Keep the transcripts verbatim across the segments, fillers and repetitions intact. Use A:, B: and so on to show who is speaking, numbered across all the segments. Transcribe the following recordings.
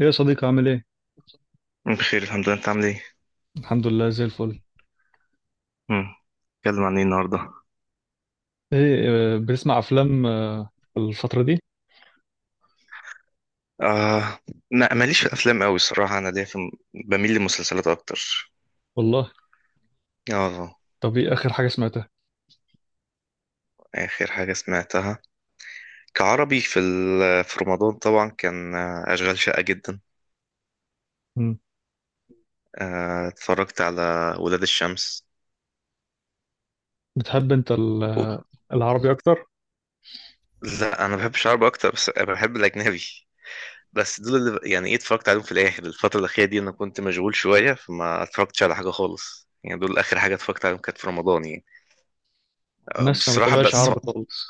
A: ايه يا صديقي؟ عامل ايه؟
B: بخير الحمد لله، انت عامل ايه؟
A: الحمد لله زي الفل.
B: امم اتكلم عن ايه النهارده؟
A: ايه آه، بتسمع افلام آه، الفترة دي؟
B: آه، ما ماليش في الافلام قوي الصراحه. انا ليا في، بميل للمسلسلات اكتر.
A: والله.
B: اه.
A: طب ايه اخر حاجة سمعتها؟
B: اخر حاجه سمعتها كعربي في ال... في رمضان طبعا كان آه، اشغال شاقه جدا.
A: مم.
B: آه، اتفرجت على ولاد الشمس.
A: بتحب انت ال-
B: و-
A: آه، العربي اكتر؟
B: لا، انا بحب العربي اكتر، بس انا بحب الاجنبي. بس دول اللي ب- يعني ايه اتفرجت عليهم في الاخر. الفتره الاخيره دي انا كنت مشغول شويه فما اتفرجتش على حاجه خالص، يعني دول اخر حاجه اتفرجت عليهم، كانت في رمضان يعني. آه،
A: الناس ما
B: بصراحه
A: بتابعش
B: بس.
A: عربي خالص.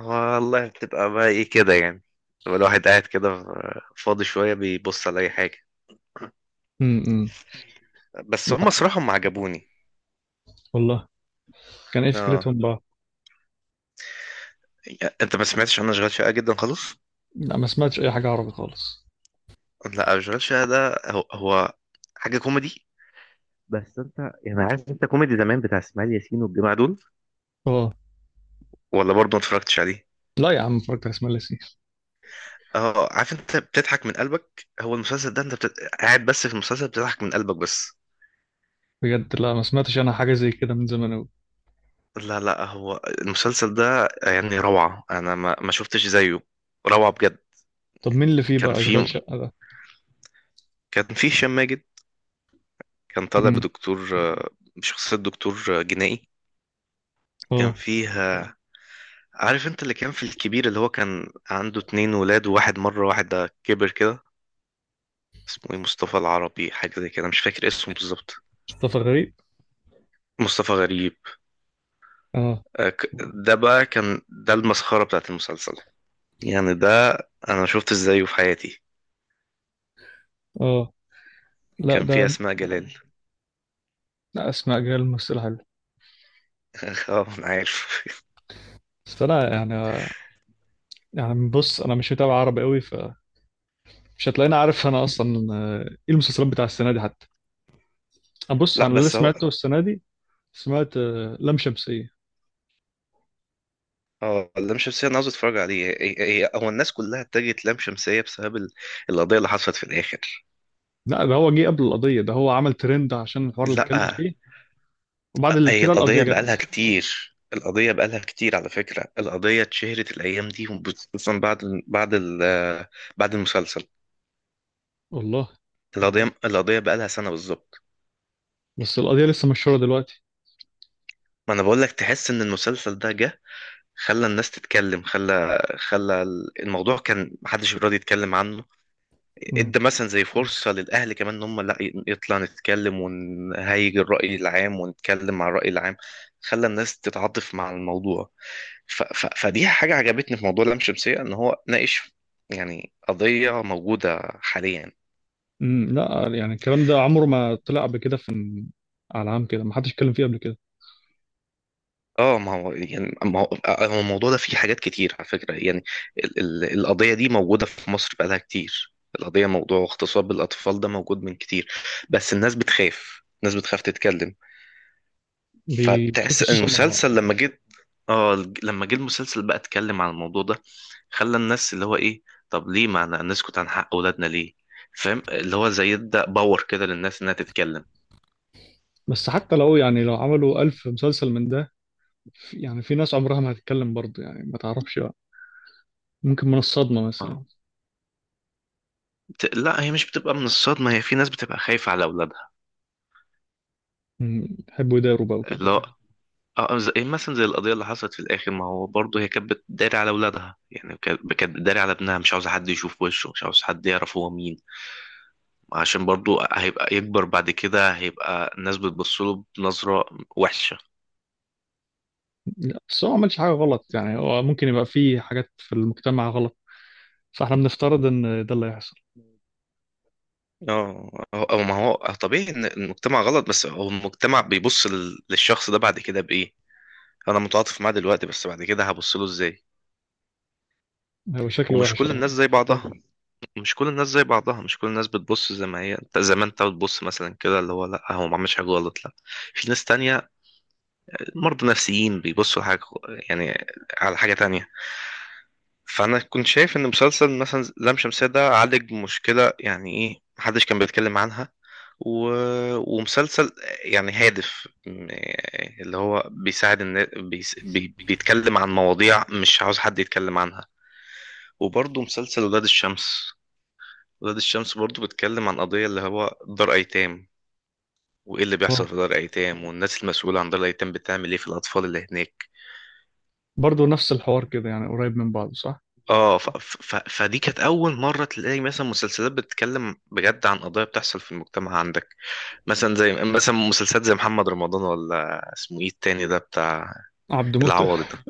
B: والله بتبقى بقى ايه كده يعني، بتبقى الواحد قاعد كده فاضي شوية، بيبص على أي حاجة.
A: امم.
B: بس هم
A: لا
B: صراحة هم عجبوني.
A: والله، كان ايه
B: اه،
A: فكرتهم بقى؟
B: انت ما سمعتش، انا اشغال شقة جدا خالص.
A: لا ما سمعتش اي حاجة عربي خالص.
B: لا، اشغال شقة ده هو, هو حاجة كوميدي. بس انت يعني عارف، انت كوميدي زمان بتاع اسماعيل ياسين والجماعه دول،
A: اه.
B: ولا برضه ما اتفرجتش عليه.
A: لا يا عم، اتفرجت على اسماعيل ياسين.
B: اه، عارف انت بتضحك من قلبك، هو المسلسل ده انت بت... قاعد بس في المسلسل بتضحك من قلبك بس.
A: بجد لا ما سمعتش انا حاجة زي كده من زمان اوي.
B: لا لا، هو المسلسل ده يعني روعة، انا ما, ما شفتش زيه. روعة بجد.
A: طب مين اللي فيه
B: كان
A: بقى اشغال
B: في
A: شقة ده؟
B: كان في هشام ماجد. كان طالع
A: مم.
B: بدكتور، آه، بشخصية دكتور آه، جنائي. كان
A: اه.
B: فيها، عارف انت اللي كان في الكبير، اللي هو كان عنده اتنين ولاد وواحد مرة، واحد ده كبر كده، اسمه ايه، مصطفى العربي حاجة زي كده، مش فاكر اسمه بالظبط.
A: مصطفى غريب.
B: مصطفى غريب.
A: اه.
B: آه، ك- ده بقى كان ده المسخرة بتاعت المسلسل. يعني ده انا شفت ازايه في حياتي.
A: اه. لا
B: كان في
A: ده.
B: اسماء جلال.
A: لا، اسماء جلال ممثلة حلوة.
B: اه انا عارف.
A: بس انا يعني، يعني بص انا مش متابع عربي قوي، فمش هتلاقيني عارف انا اصلا آه، ايه المسلسلات بتاع السنه دي حتى. انا بص،
B: لا
A: انا اللي
B: بس هو.
A: سمعته السنه دي، سمعت آه، لام شمسيه.
B: اه، اللام شمسية انا عاوز اتفرج عليه. إيه- إيه- هو الناس كلها اتجهت لام شمسية بسبب ال- القضية اللي حصلت في الاخر.
A: لا ده هو جه قبل القضيه، ده هو عمل ترند عشان الحوار اللي اتكلم
B: لا،
A: فيه. وبعد ال-
B: هي
A: كده القضيه
B: القضية بقالها
A: جت.
B: كتير، القضية بقالها كتير على فكرة. القضية اتشهرت الايام دي، خصوصا بعد، بعد ال- بعد المسلسل.
A: والله.
B: القضية، القضية بقالها سنة بالظبط.
A: بس القضيه لسه مشهوره دلوقتي.
B: ما انا بقول لك، تحس ان المسلسل ده جه خلى الناس تتكلم، خلى خلى الموضوع، كان محدش راضي يتكلم عنه.
A: امم.
B: ادى مثلا زي فرصة للأهل كمان، إن هم لا، يطلع نتكلم ونهيج الرأي العام ونتكلم مع الرأي العام، خلى الناس تتعاطف مع الموضوع. ف ف فدي حاجة عجبتني في موضوع لام شمسية، إن هو ناقش يعني قضية موجودة حاليا.
A: أمم، لا يعني الكلام ده عمره ما طلع قبل كده، في على عام كده ما حدش اتكلم فيه قبل كده.
B: اه، ما هو يعني، ما هو هو الموضوع ده فيه حاجات كتير على فكرة يعني. ال ال القضية دي موجودة في مصر بقالها كتير. القضية، موضوع اغتصاب الأطفال ده موجود من كتير، بس الناس بتخاف، الناس بتخاف تتكلم.
A: بيشوف
B: فتحس ان
A: السمعه.
B: المسلسل لما جيت، اه الج- لما جه المسلسل بقى اتكلم عن الموضوع ده، خلى الناس اللي هو ايه، طب ليه ما ن- نسكت عن حق اولادنا ليه؟ فاهم اللي هو زي يبدأ باور كده للناس انها تتكلم.
A: بس حتى لو يعني لو عملوا ألف مسلسل من ده، في- يعني في ناس عمرها ما هتتكلم برضه، يعني ما تعرفش، ممكن من الصدمة مثلا.
B: اه. بت... لا، هي مش بتبقى من الصدمة، هي في ناس بتبقى خايفة على اولادها.
A: مم، يحبوا يداروا بقى وكده.
B: اللي هو، اه، آه، زي مثلا زي القضية اللي حصلت في الآخر، ما هو برضه هي كانت بتداري على اولادها يعني، كانت كانت بتداري على ابنها، مش عاوزة حد يشوف وشه، مش عاوز حد يعرف هو مين، عشان برضو هيبقى يكبر بعد كده، هيبقى الناس بتبصله بنظرة وحشة.
A: لا بس هو ما عملش حاجة غلط، يعني هو ممكن يبقى فيه حاجات في المجتمع غلط، فاحنا بنفترض ان ده اللي هيحصل.
B: اه، هو- هو- ما هو طبيعي ان المجتمع غلط، بس هو المجتمع بيبص لل- للشخص ده بعد كده بايه. انا متعاطف معاه دلوقتي، بس بعد كده هبص له ازاي.
A: هو شكله
B: ومش
A: وحش
B: كل
A: اه.
B: الناس زي بعضها، مش كل الناس زي بعضها، مش كل الناس بتبص زي ما هي انت، زي ما انت بتبص مثلا كده، اللي هو لا هو ما عملش حاجه غلط، لا. في ناس تانية مرضى نفسيين، بيبصوا حاجه يعني على حاجه تانية. فانا كنت شايف ان مسلسل مثلا لام شمسية ده عالج مشكلة يعني ايه، محدش كان بيتكلم عنها. و... ومسلسل يعني هادف، م- اللي هو بيساعد الناس، بيس... بي... بيتكلم عن مواضيع مش عاوز حد يتكلم عنها. وبرضه مسلسل ولاد الشمس، ولاد الشمس برضه بيتكلم عن قضية اللي هو دار ايتام، وايه اللي
A: هو
B: بيحصل في دار ايتام، والناس المسؤولة عن دار الايتام بتعمل ايه في الاطفال اللي هناك.
A: برضه نفس الحوار كده، يعني قريب من بعضه، صح؟
B: اه، ف... ف... ف- فدي كانت اول مره تلاقي مثلا مسلسلات بتتكلم بجد عن قضايا بتحصل في المجتمع عندك. مثلا زي مثلا مسلسلات زي محمد رمضان، ولا اسمه ايه التاني ده بتاع
A: عبد موتة
B: العوضي ده.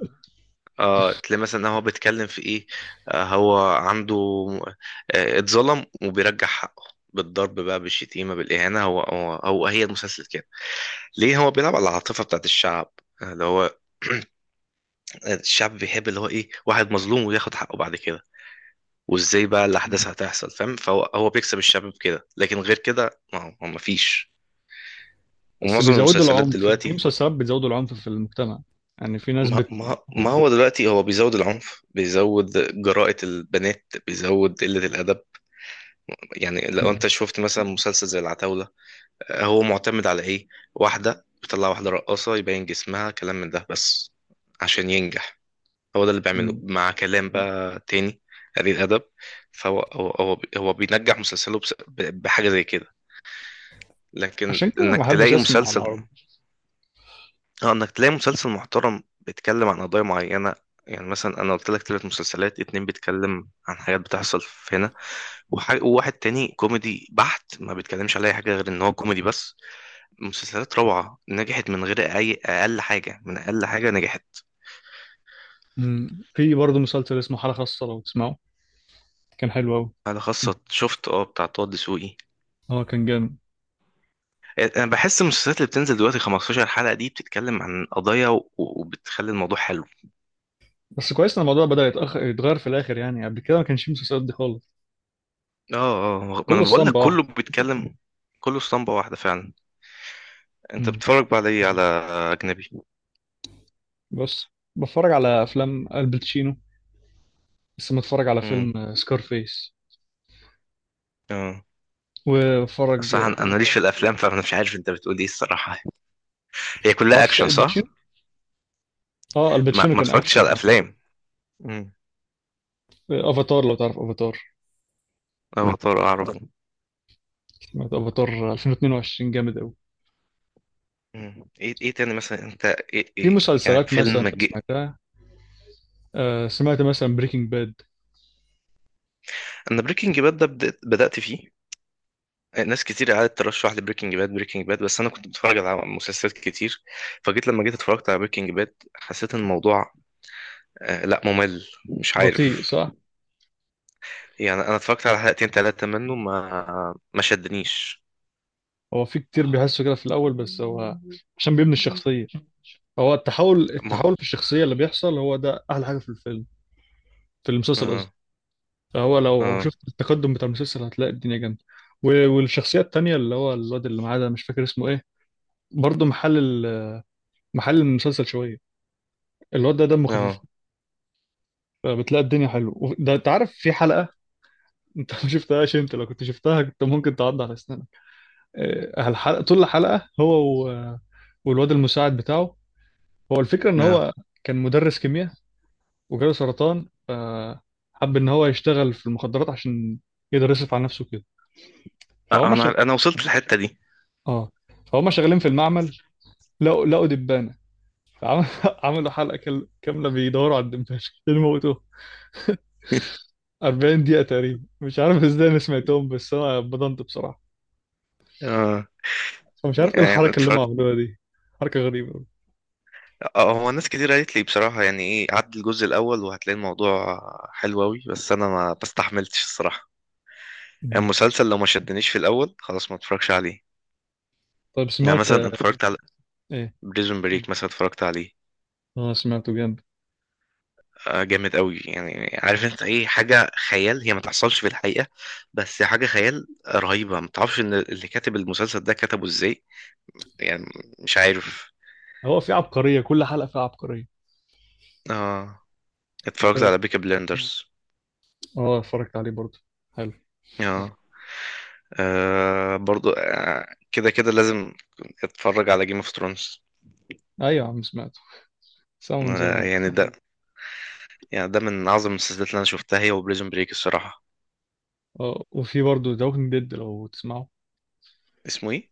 B: اه، تلاقي مثلا إن هو بيتكلم في ايه، آه هو عنده، آه اتظلم وبيرجع حقه بالضرب بقى، بالشتيمه، بالاهانه. هو هو, هو هي المسلسل كده. ليه؟ هو بيلعب على العاطفه بتاعت الشعب. آه، اللي هو الشعب بيحب اللي هو ايه، واحد مظلوم وياخد حقه بعد كده. وازاي بقى الاحداث
A: مم.
B: هتحصل، فاهم؟ فهو هو بيكسب الشباب كده، لكن غير كده ما ما فيش.
A: بس
B: ومعظم
A: بيزودوا
B: المسلسلات
A: العنف، في
B: دلوقتي،
A: مسلسلات بتزودوا العنف في المجتمع، يعني في ناس
B: ما,
A: بت.
B: ما, ما هو دلوقتي هو بيزود العنف، بيزود جراءة البنات، بيزود قلة الأدب. يعني لو
A: مم.
B: أنت شفت مثلا مسلسل زي العتاولة، هو معتمد على إيه؟ واحدة بتطلع واحدة رقاصة، يبين جسمها، كلام من ده بس عشان ينجح. هو ده اللي بيعمله،
A: مم.
B: مع كلام بقى تاني قليل أدب. فهو هو هو هو بينجح مسلسله بس- بحاجة زي كده. لكن
A: عشان كده ما
B: انك
A: بحبش
B: تلاقي
A: اسمع على
B: مسلسل،
A: العربي.
B: اه، انك تلاقي مسلسل محترم بيتكلم عن قضايا معينة، يعني مثلا انا قلت لك ثلاث مسلسلات، اتنين بيتكلم عن حاجات بتحصل في هنا، وح- وواحد تاني كوميدي بحت، ما بيتكلمش على اي حاجة غير ان هو كوميدي بس. مسلسلات روعة نجحت من غير اي اقل حاجة، من اقل حاجة نجحت.
A: مم. في برضه مسلسل اسمه حالة خاصة لو تسمعه، كان حلو قوي.
B: على خاصة شفت، اه، بتاع طه دسوقي.
A: اه كان جامد.
B: انا بحس المسلسلات اللي بتنزل دلوقتي خمستاشر حلقة دي بتتكلم عن قضايا، و- وبتخلي الموضوع حلو.
A: بس كويس ان الموضوع بدأ يتأخر يتغير في الاخر، يعني قبل كده ما كانش في مسلسلات دي خالص.
B: اه اه، ما
A: كله
B: انا بقول لك،
A: اسطمبة واحدة.
B: كله بيتكلم. كله اسطمبة واحدة فعلا. انت
A: مم.
B: بتتفرج بقى على ايه، على اجنبي؟
A: بس بتفرج على أفلام الباتشينو، لسه متفرج على
B: امم
A: فيلم سكارفيس
B: اه،
A: وبتفرج.
B: الصراحة انا، أنا ماليش في الافلام، فانا مش عارف انت بتقول ايه الصراحة. هي كلها
A: معرفش اكشن
B: اكشن، صح؟
A: الباتشينو، اه
B: ما
A: الباتشينو
B: ما
A: كان
B: اتفرجتش
A: أكشن.
B: على الافلام. امم
A: اه افاتار، لو تعرف افاتار،
B: افاتار اعرفه.
A: سمعت افاتار ألفين واثنين وعشرين جامد أوي.
B: امم ايه ايه تاني مثلا انت، إيه
A: في
B: إيه يعني
A: مسلسلات مثلا
B: فيلم جي...
A: سمعتها، آه سمعت مثلا بريكنج باد.
B: انا بريكنج باد ده بدأت, بدأت فيه. ناس كتير قعدت ترشح لي بريكنج باد، بريكنج باد بس انا كنت بتفرج على مسلسلات كتير، فجيت لما جيت اتفرجت على بريكنج باد، حسيت ان الموضوع، آه، لا، ممل، مش
A: بطيء
B: عارف.
A: صح؟
B: يعني انا اتفرجت على حلقتين ثلاثه منه، ما ما شدنيش.
A: هو في كتير بيحسوا كده في الأول، بس هو عشان بيبني الشخصية، هو التحول
B: ما
A: التحول في الشخصية اللي بيحصل هو ده أحلى حاجة في الفيلم، في المسلسل قصدي.
B: اه
A: فهو لو لو
B: اه
A: شفت التقدم بتاع المسلسل هتلاقي الدنيا جامده. و- والشخصيه التانيه اللي هو الواد اللي معاه ده، مش فاكر اسمه ايه، برضه محل ال- محل المسلسل شويه. الواد ده دمه خفيف،
B: اه
A: فبتلاقي الدنيا حلوه و- ده. انت عارف في حلقه، انت ما شفتهاش، انت لو كنت شفتها كنت ممكن تعض على اسنانك. آه، الحلقه، طول الحلقه هو و... والواد المساعد بتاعه، هو الفكره ان
B: اه.
A: هو كان مدرس كيمياء وجاله سرطان، فحب ان هو يشتغل في المخدرات عشان يقدر يصرف على نفسه كده.
B: آه،
A: فهم شغ...
B: انا انا وصلت للحته دي.
A: اه، فهم شغالين في المعمل، لقوا لقوا دبانه، فعم- عملوا حلقه كل- كامله بيدوروا على الدبانه اللي موتوه، أربعين دقيقه تقريبا، مش عارف ازاي انا سمعتهم، بس انا بضنت بصراحه،
B: اه
A: فمش عارف ايه
B: يعني
A: الحركه اللي هم
B: اتفرجت.
A: عملوها دي، حركه غريبه.
B: اه، هو ناس كتير قالت لي بصراحه يعني ايه، عدي الجزء الاول وهتلاقي الموضوع حلو قوي، بس انا ما بستحملتش الصراحه. يعني
A: مم.
B: المسلسل لو ما شدنيش في الاول، خلاص ما اتفرجش عليه.
A: طيب
B: يعني
A: سمعت
B: مثلا اتفرجت على
A: ايه؟
B: بريزون بريك، مثلا اتفرجت عليه.
A: اه سمعته جامد،
B: آه، جامد قوي، يعني عارف انت ايه، حاجة خيال، هي ما تحصلش في الحقيقة، بس حاجة خيال رهيبة. ما تعرفش ان اللي كاتب المسلسل ده كتبه ازاي يعني، مش عارف.
A: هو في عبقريه، كل حلقه فيها عبقريه.
B: اه، اتفرجت على
A: ف-
B: بيكي بلندرز.
A: اه اتفرجت عليه برضه، حلو.
B: اه، آه، برضو. آه، كده كده لازم اتفرج على جيم اوف ثرونز.
A: ايوه يا عم سمعته، سامعه من
B: آه،
A: زمان.
B: يعني ده، يعني ده من اعظم المسلسلات اللي انا شفتها، هي وبريزون بريك الصراحة.
A: اه، وفي برضه ذا ووكينج ديد لو تسمعه.
B: اسمه ايه؟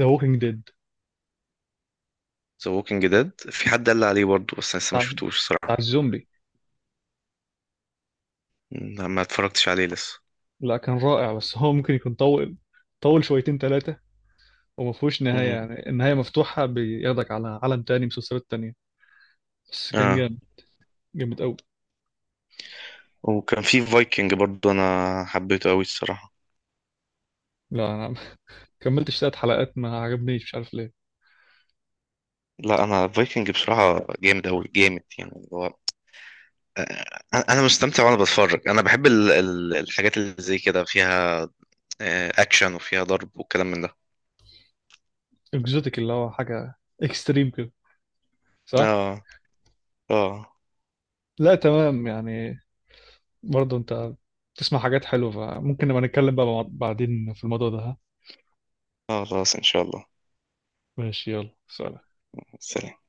A: ذا ووكينج ديد،
B: ذا ووكينج ديد، في حد قال لي عليه برضو، بس أنا لسه ما
A: بتاع
B: شفتوش
A: بتاع
B: الصراحة.
A: الزومبي.
B: لا، ما اتفرجتش عليه لسه.
A: لا كان رائع، بس هو ممكن يكون طول، طول شويتين ثلاثه، وما فيهوش نهاية،
B: مم.
A: يعني النهاية مفتوحة بياخدك على عالم تاني، مسلسلات تانية. بس كان
B: اه،
A: جامد، جامد قوي.
B: وكان في فايكنج برضو، انا حبيته قوي الصراحه.
A: لا أنا كملتش تلات حلقات، ما عجبنيش مش عارف ليه.
B: لا، انا فايكنج بصراحه جامد قوي، جامد يعني، اللي هو، آه، انا مستمتع وانا بتفرج. انا بحب ال- ال- الحاجات اللي زي كده، فيها آه، اكشن وفيها ضرب والكلام من ده.
A: اكزوتيك، اللي هو حاجة اكستريم كده، صح؟
B: اه اه.
A: لا تمام يعني. برضه أنت بتسمع حاجات حلوة، فممكن نبقى نتكلم بقى مع- بعدين في الموضوع ده، ها؟
B: اه خلاص ان شاء الله.
A: ماشي، يلا سلام.
B: سلام.